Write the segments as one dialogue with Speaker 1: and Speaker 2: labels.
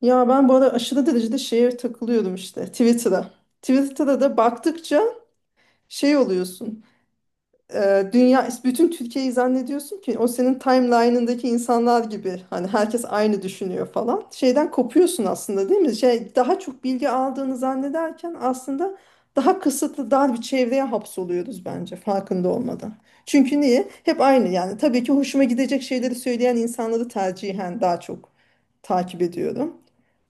Speaker 1: Ya ben bu ara aşırı derecede şeye takılıyordum işte Twitter'a. Twitter'da da baktıkça şey oluyorsun. Dünya bütün Türkiye'yi zannediyorsun ki o senin timeline'ındaki insanlar gibi hani herkes aynı düşünüyor falan. Şeyden kopuyorsun aslında değil mi? Şey daha çok bilgi aldığını zannederken aslında daha kısıtlı dar bir çevreye hapsoluyoruz bence farkında olmadan. Çünkü niye? Hep aynı yani. Tabii ki hoşuma gidecek şeyleri söyleyen insanları tercihen daha çok takip ediyorum.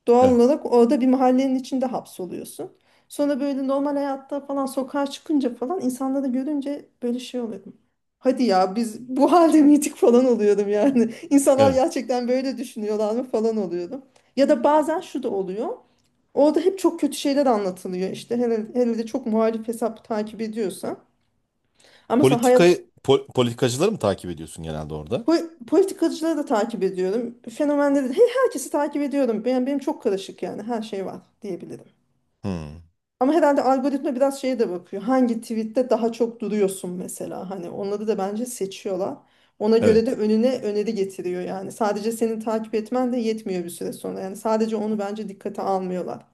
Speaker 1: Doğal
Speaker 2: Evet.
Speaker 1: olarak orada bir mahallenin içinde hapsoluyorsun. Sonra böyle normal hayatta falan sokağa çıkınca falan insanları görünce böyle şey oluyordum. Hadi ya biz bu halde miydik falan oluyordum yani. İnsanlar
Speaker 2: Evet.
Speaker 1: gerçekten böyle düşünüyorlar mı falan oluyordum. Ya da bazen şu da oluyor. Orada hep çok kötü şeyler anlatılıyor. İşte hele, hele de çok muhalif hesap takip ediyorsan. Ama mesela hayat
Speaker 2: Politikacıları mı takip ediyorsun genelde orada?
Speaker 1: politikacıları da takip ediyorum. Fenomenleri de herkesi takip ediyorum. Benim çok karışık yani her şey var diyebilirim.
Speaker 2: Hmm.
Speaker 1: Ama herhalde algoritma biraz şeye de bakıyor. Hangi tweette daha çok duruyorsun mesela. Hani onları da bence seçiyorlar. Ona göre de
Speaker 2: Evet.
Speaker 1: önüne öneri getiriyor yani. Sadece senin takip etmen de yetmiyor bir süre sonra. Yani sadece onu bence dikkate almıyorlar.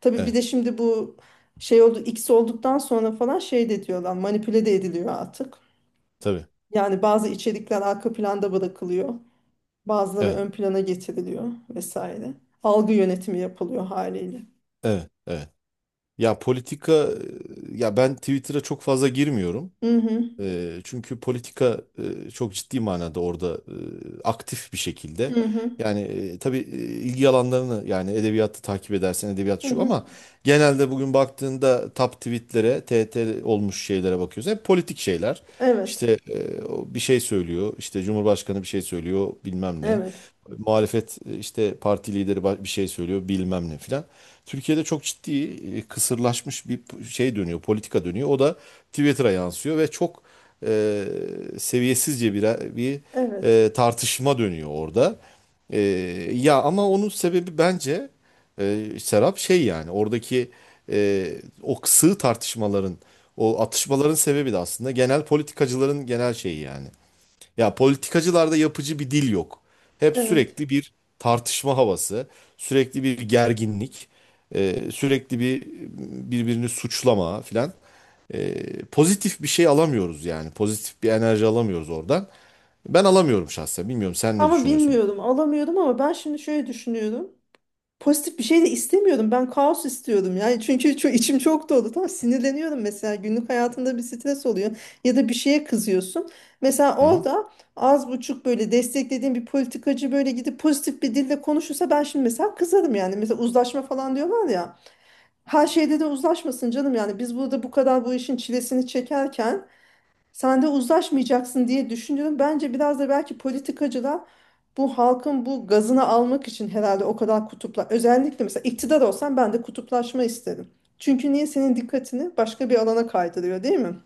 Speaker 1: Tabii bir
Speaker 2: Evet.
Speaker 1: de şimdi bu şey oldu X olduktan sonra falan şey de diyorlar manipüle de ediliyor artık.
Speaker 2: Tabii.
Speaker 1: Yani bazı içerikler arka planda bırakılıyor. Bazıları
Speaker 2: Evet.
Speaker 1: ön plana getiriliyor vesaire. Algı yönetimi yapılıyor haliyle.
Speaker 2: Evet. Evet. Ya ya ben Twitter'a çok fazla girmiyorum.
Speaker 1: Hı hı.
Speaker 2: Çünkü çok ciddi manada orada aktif bir şekilde.
Speaker 1: Hı hı.
Speaker 2: Yani tabii ilgi alanlarını, yani edebiyatı takip edersen edebiyat
Speaker 1: Hı
Speaker 2: şu,
Speaker 1: hı.
Speaker 2: ama genelde bugün baktığında top tweetlere, T T olmuş şeylere bakıyoruz. Hep politik şeyler.
Speaker 1: Evet.
Speaker 2: İşte o bir şey söylüyor, işte Cumhurbaşkanı bir şey söylüyor bilmem ne.
Speaker 1: Evet,
Speaker 2: Muhalefet, işte parti lideri bir şey söylüyor bilmem ne filan. Türkiye'de çok ciddi, kısırlaşmış bir şey dönüyor, politika dönüyor. O da Twitter'a yansıyor ve çok e, seviyesizce bir bir
Speaker 1: evet,
Speaker 2: e, tartışma dönüyor orada. Ee, Ya ama onun sebebi bence, Serap, şey yani, oradaki o sığ tartışmaların, o atışmaların sebebi de aslında genel politikacıların genel şeyi yani. Ya politikacılarda yapıcı bir dil yok. Hep
Speaker 1: evet.
Speaker 2: sürekli bir tartışma havası, sürekli bir gerginlik, sürekli bir birbirini suçlama filan. Pozitif bir şey alamıyoruz yani. Pozitif bir enerji alamıyoruz oradan. Ben alamıyorum şahsen. Bilmiyorum, sen ne
Speaker 1: Ama
Speaker 2: düşünüyorsun?
Speaker 1: bilmiyordum, alamıyordum ama ben şimdi şöyle düşünüyorum. Pozitif bir şey de istemiyordum. Ben kaos istiyordum. Yani çünkü çok, içim çok dolu. Tamam sinirleniyorum mesela. Günlük hayatında bir stres oluyor. Ya da bir şeye kızıyorsun. Mesela
Speaker 2: Hı hı.
Speaker 1: orada az buçuk böyle desteklediğim bir politikacı böyle gidip pozitif bir dille konuşursa ben şimdi mesela kızarım yani. Mesela uzlaşma falan diyorlar ya. Her şeyde de uzlaşmasın canım yani. Biz burada bu kadar bu işin çilesini çekerken sen de uzlaşmayacaksın diye düşünüyorum. Bence biraz da belki politikacılar bu halkın bu gazını almak için herhalde o kadar kutupla özellikle mesela iktidar olsam ben de kutuplaşma isterim. Çünkü niye senin dikkatini başka bir alana kaydırıyor değil mi?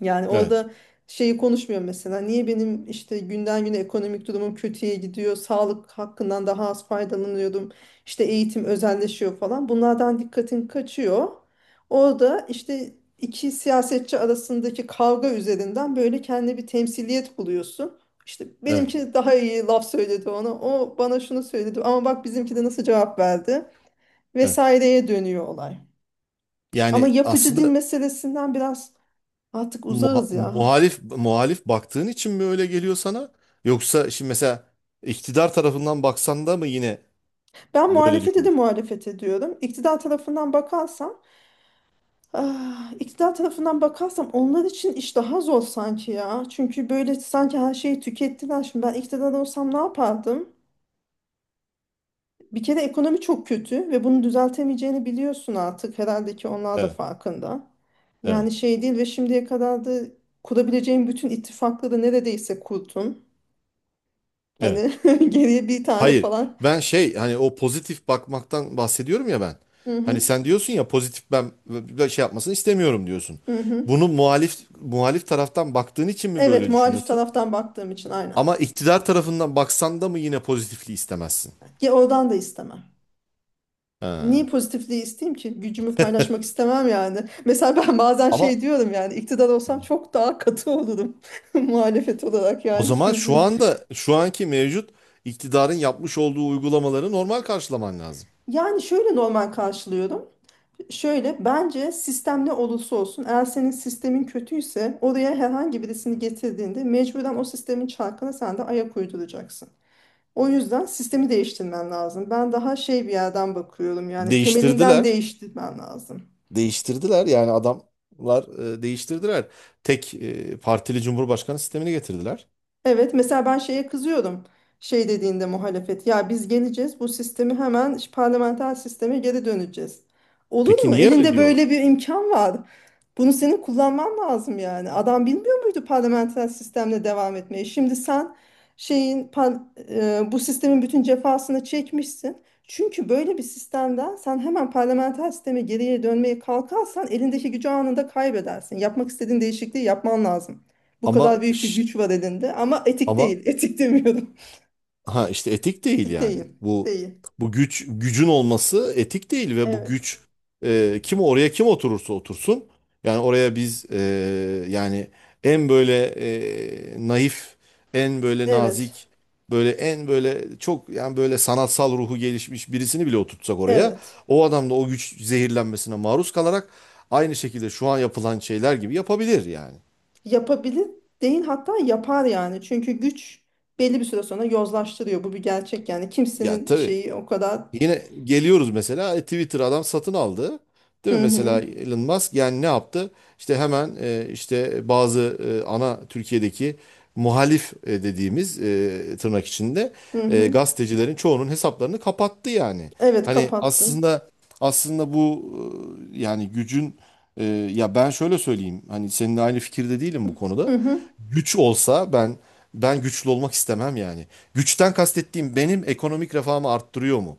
Speaker 1: Yani
Speaker 2: Evet.
Speaker 1: orada şeyi konuşmuyor mesela. Niye benim işte günden güne ekonomik durumum kötüye gidiyor, sağlık hakkından daha az faydalanıyordum işte eğitim özelleşiyor falan. Bunlardan dikkatin kaçıyor. Orada işte iki siyasetçi arasındaki kavga üzerinden böyle kendi bir temsiliyet buluyorsun. İşte
Speaker 2: Evet.
Speaker 1: benimki daha iyi laf söyledi ona, o bana şunu söyledi ama bak bizimki de nasıl cevap verdi
Speaker 2: Heh.
Speaker 1: vesaireye dönüyor olay. Ama
Speaker 2: Yani
Speaker 1: yapıcı dil
Speaker 2: aslında
Speaker 1: meselesinden biraz artık uzağız ya.
Speaker 2: muhalif muhalif baktığın için mi öyle geliyor sana? Yoksa şimdi mesela iktidar tarafından baksan da mı yine
Speaker 1: Ben
Speaker 2: böyle
Speaker 1: muhalefete de
Speaker 2: düşünüyorsun?
Speaker 1: muhalefet ediyorum. İktidar tarafından bakarsam onlar için iş daha zor sanki ya. Çünkü böyle sanki her şeyi tükettiler. Şimdi ben iktidar olsam ne yapardım? Bir kere ekonomi çok kötü ve bunu düzeltemeyeceğini biliyorsun artık. Herhalde ki onlar da
Speaker 2: Evet,
Speaker 1: farkında. Yani
Speaker 2: evet,
Speaker 1: şey değil ve şimdiye kadar da kurabileceğin bütün ittifakları neredeyse kurdun.
Speaker 2: evet.
Speaker 1: Hani geriye bir tane
Speaker 2: Hayır,
Speaker 1: falan.
Speaker 2: ben şey, hani o pozitif bakmaktan bahsediyorum ya ben.
Speaker 1: Hı
Speaker 2: Hani
Speaker 1: hı,
Speaker 2: sen diyorsun ya, pozitif ben böyle şey yapmasını istemiyorum diyorsun.
Speaker 1: hı hı.
Speaker 2: Bunu muhalif muhalif taraftan baktığın için mi
Speaker 1: Evet
Speaker 2: böyle
Speaker 1: muhalif
Speaker 2: düşünüyorsun?
Speaker 1: taraftan baktığım için aynen.
Speaker 2: Ama iktidar tarafından baksan da mı yine pozitifliği istemezsin?
Speaker 1: Ya oradan da istemem. Niye
Speaker 2: Ha.
Speaker 1: pozitifliği isteyeyim ki? Gücümü paylaşmak istemem yani. Mesela ben bazen
Speaker 2: Ama
Speaker 1: şey diyorum yani iktidar olsam çok daha katı olurum muhalefet olarak
Speaker 2: O
Speaker 1: yani hiç
Speaker 2: zaman şu
Speaker 1: gözün...
Speaker 2: anda şu anki mevcut iktidarın yapmış olduğu uygulamaları normal karşılaman lazım.
Speaker 1: Yani şöyle normal karşılıyorum. Şöyle bence sistem ne olursa olsun eğer senin sistemin kötüyse oraya herhangi birisini getirdiğinde mecburen o sistemin çarkına sen de ayak uyduracaksın. O yüzden sistemi değiştirmen lazım. Ben daha şey bir yerden bakıyorum yani temelinden
Speaker 2: Değiştirdiler.
Speaker 1: değiştirmen lazım.
Speaker 2: Değiştirdiler yani adamlar e, değiştirdiler. Tek e, partili cumhurbaşkanı sistemini getirdiler.
Speaker 1: Evet mesela ben şeye kızıyorum. Şey dediğinde muhalefet ya biz geleceğiz bu sistemi hemen parlamenter sisteme geri döneceğiz. Olur
Speaker 2: Peki
Speaker 1: mu?
Speaker 2: niye öyle
Speaker 1: Elinde
Speaker 2: diyorlar?
Speaker 1: böyle bir imkan var. Bunu senin kullanman lazım yani. Adam bilmiyor muydu parlamenter sistemle devam etmeyi? Şimdi sen şeyin par- bu sistemin bütün cefasını çekmişsin. Çünkü böyle bir sistemden sen hemen parlamenter sisteme geriye dönmeye kalkarsan elindeki gücü anında kaybedersin. Yapmak istediğin değişikliği yapman lazım. Bu kadar
Speaker 2: Ama
Speaker 1: büyük bir
Speaker 2: şş,
Speaker 1: güç var elinde ama etik
Speaker 2: ama
Speaker 1: değil. Etik demiyorum.
Speaker 2: ha işte etik değil
Speaker 1: Etik
Speaker 2: yani.
Speaker 1: değil.
Speaker 2: Bu
Speaker 1: Değil.
Speaker 2: bu güç, gücün olması etik değil ve bu
Speaker 1: Evet.
Speaker 2: güç, kim oraya, kim oturursa otursun, yani yani en böyle, naif, en böyle
Speaker 1: Evet.
Speaker 2: nazik, böyle en böyle çok, yani böyle sanatsal ruhu gelişmiş birisini bile oturtsak oraya,
Speaker 1: Evet.
Speaker 2: o adam da o güç zehirlenmesine maruz kalarak aynı şekilde şu an yapılan şeyler gibi yapabilir yani.
Speaker 1: Yapabilir değil hatta yapar yani. Çünkü güç belli bir süre sonra yozlaştırıyor. Bu bir gerçek yani.
Speaker 2: Ya
Speaker 1: Kimsenin
Speaker 2: tabii,
Speaker 1: şeyi o kadar
Speaker 2: yine geliyoruz. Mesela Twitter, adam satın aldı. Değil
Speaker 1: hı
Speaker 2: mi?
Speaker 1: hı
Speaker 2: Mesela Elon Musk yani ne yaptı? İşte hemen işte bazı ana Türkiye'deki muhalif, dediğimiz, tırnak içinde,
Speaker 1: hı hı.
Speaker 2: gazetecilerin çoğunun hesaplarını kapattı yani.
Speaker 1: Evet
Speaker 2: Hani
Speaker 1: kapattım.
Speaker 2: aslında, aslında bu, yani gücün e, ya ben şöyle söyleyeyim. Hani seninle aynı fikirde değilim bu
Speaker 1: Hı
Speaker 2: konuda.
Speaker 1: hı.
Speaker 2: Güç olsa ben güçlü olmak istemem yani. Güçten kastettiğim, benim ekonomik refahımı arttırıyor mu?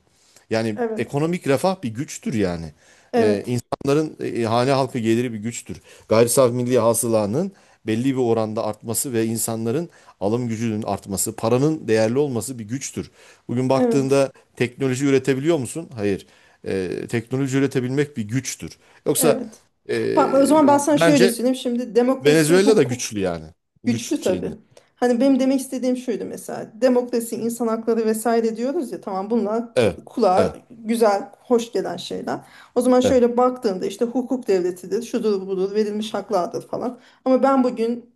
Speaker 2: Yani
Speaker 1: Evet.
Speaker 2: ekonomik refah bir güçtür yani.
Speaker 1: Evet.
Speaker 2: İnsanların hane halkı geliri bir güçtür. Gayri safi milli hasılanın belli bir oranda artması ve insanların alım gücünün artması, paranın değerli olması bir güçtür. Bugün
Speaker 1: Evet.
Speaker 2: baktığında teknoloji üretebiliyor musun? Hayır. Teknoloji üretebilmek bir güçtür. Yoksa
Speaker 1: Evet.
Speaker 2: e,
Speaker 1: Tamam, o zaman ben
Speaker 2: yani
Speaker 1: sana şöyle
Speaker 2: bence
Speaker 1: söyleyeyim. Şimdi demokrasi
Speaker 2: Venezuela da
Speaker 1: hukuk.
Speaker 2: güçlü yani. Güç
Speaker 1: Güçlü tabii.
Speaker 2: şeyinde.
Speaker 1: Hani benim demek istediğim şuydu mesela demokrasi, insan hakları vesaire diyoruz ya tamam bunlar
Speaker 2: Evet,
Speaker 1: kulağa
Speaker 2: evet,
Speaker 1: güzel, hoş gelen şeyler. O zaman
Speaker 2: evet.
Speaker 1: şöyle baktığında işte hukuk devletidir, şudur budur, verilmiş haklardır falan. Ama ben bugün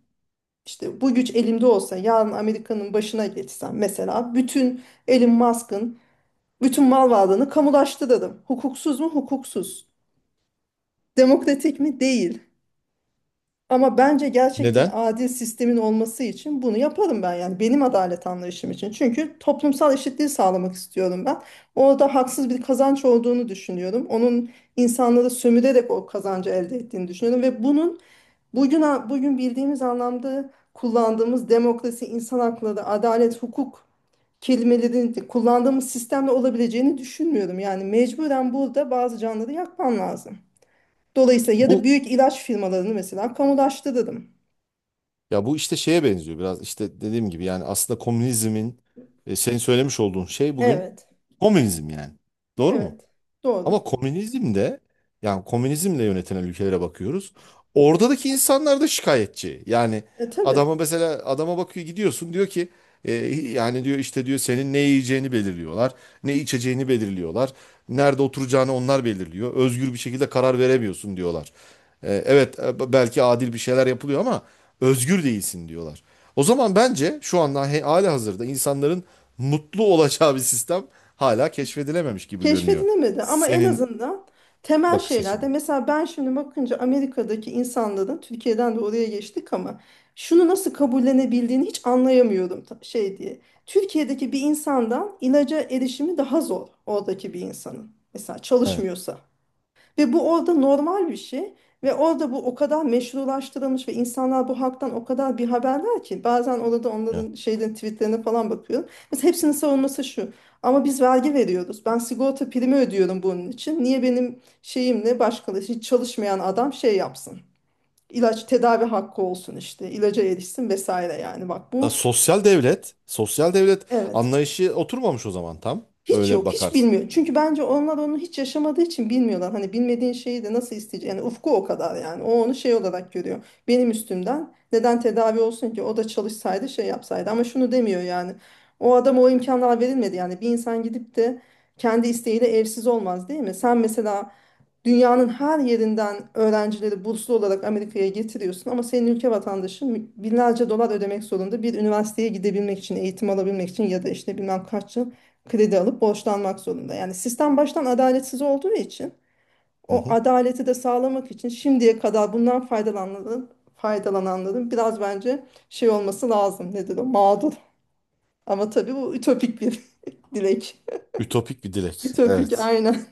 Speaker 1: işte bu güç elimde olsa yarın Amerika'nın başına geçsem mesela bütün Elon Musk'ın bütün mal varlığını kamulaştırırım. Hukuksuz mu? Hukuksuz. Demokratik mi? Değil. Ama bence gerçek bir
Speaker 2: Neden?
Speaker 1: adil sistemin olması için bunu yaparım ben yani benim adalet anlayışım için. Çünkü toplumsal eşitliği sağlamak istiyorum ben. Orada haksız bir kazanç olduğunu düşünüyorum. Onun insanları sömürerek o kazancı elde ettiğini düşünüyorum ve bunun bugün bugün bildiğimiz anlamda kullandığımız demokrasi, insan hakları, adalet, hukuk kelimelerini de kullandığımız sistemle olabileceğini düşünmüyorum. Yani mecburen burada bazı canları yakman lazım. Dolayısıyla ya da
Speaker 2: Bu,
Speaker 1: büyük ilaç firmalarını mesela kamulaştırırım.
Speaker 2: ya bu işte şeye benziyor biraz, işte dediğim gibi, yani aslında komünizmin, senin söylemiş olduğun şey bugün
Speaker 1: Evet,
Speaker 2: komünizm yani. Doğru mu?
Speaker 1: evet. Doğru.
Speaker 2: Ama komünizmde, yani komünizmle yönetilen ülkelere bakıyoruz. Oradaki insanlar da şikayetçi. Yani
Speaker 1: E tabii.
Speaker 2: adama, mesela adama bakıyor gidiyorsun, diyor ki e, yani diyor işte, diyor senin ne yiyeceğini belirliyorlar. Ne içeceğini belirliyorlar. Nerede oturacağını onlar belirliyor. Özgür bir şekilde karar veremiyorsun, diyorlar. Evet, belki adil bir şeyler yapılıyor ama özgür değilsin, diyorlar. O zaman bence şu anda hali hazırda insanların mutlu olacağı bir sistem hala keşfedilememiş gibi görünüyor.
Speaker 1: Keşfedilemedi ama en
Speaker 2: Senin
Speaker 1: azından temel
Speaker 2: bakış
Speaker 1: şeylerde
Speaker 2: açın.
Speaker 1: mesela ben şimdi bakınca Amerika'daki insanların Türkiye'den de oraya geçtik ama şunu nasıl kabullenebildiğini hiç anlayamıyorum şey diye. Türkiye'deki bir insandan ilaca erişimi daha zor oradaki bir insanın. Mesela
Speaker 2: Evet.
Speaker 1: çalışmıyorsa. Ve bu orada normal bir şey ve orada bu o kadar meşrulaştırılmış ve insanlar bu haktan o kadar bir haberler ki bazen orada
Speaker 2: Evet.
Speaker 1: onların şeyden tweetlerine falan bakıyorum. Mesela hepsinin savunması şu ama biz vergi veriyoruz ben sigorta primi ödüyorum bunun için niye benim şeyimle başkaları hiç çalışmayan adam şey yapsın. İlaç tedavi hakkı olsun işte ilaca erişsin vesaire yani bak
Speaker 2: Ya
Speaker 1: bu
Speaker 2: sosyal devlet, sosyal devlet
Speaker 1: evet.
Speaker 2: anlayışı oturmamış o zaman tam.
Speaker 1: Hiç
Speaker 2: Öyle
Speaker 1: yok, hiç
Speaker 2: bakarsın.
Speaker 1: bilmiyor. Çünkü bence onlar onu hiç yaşamadığı için bilmiyorlar. Hani bilmediğin şeyi de nasıl isteyecek? Yani ufku o kadar yani. O onu şey olarak görüyor. Benim üstümden neden tedavi olsun ki? O da çalışsaydı şey yapsaydı. Ama şunu demiyor yani. O adama o imkanlar verilmedi. Yani bir insan gidip de kendi isteğiyle evsiz olmaz değil mi? Sen mesela dünyanın her yerinden öğrencileri burslu olarak Amerika'ya getiriyorsun ama senin ülke vatandaşı binlerce dolar ödemek zorunda bir üniversiteye gidebilmek için, eğitim alabilmek için ya da işte bilmem kaç yıl kredi alıp borçlanmak zorunda. Yani sistem baştan adaletsiz olduğu için
Speaker 2: Hı
Speaker 1: o
Speaker 2: hı.
Speaker 1: adaleti de sağlamak için şimdiye kadar bundan faydalananların biraz bence şey olması lazım. Nedir o? Mağdur. Ama tabii bu ütopik bir dilek.
Speaker 2: Ütopik bir dilek.
Speaker 1: Ütopik
Speaker 2: Evet.
Speaker 1: aynen.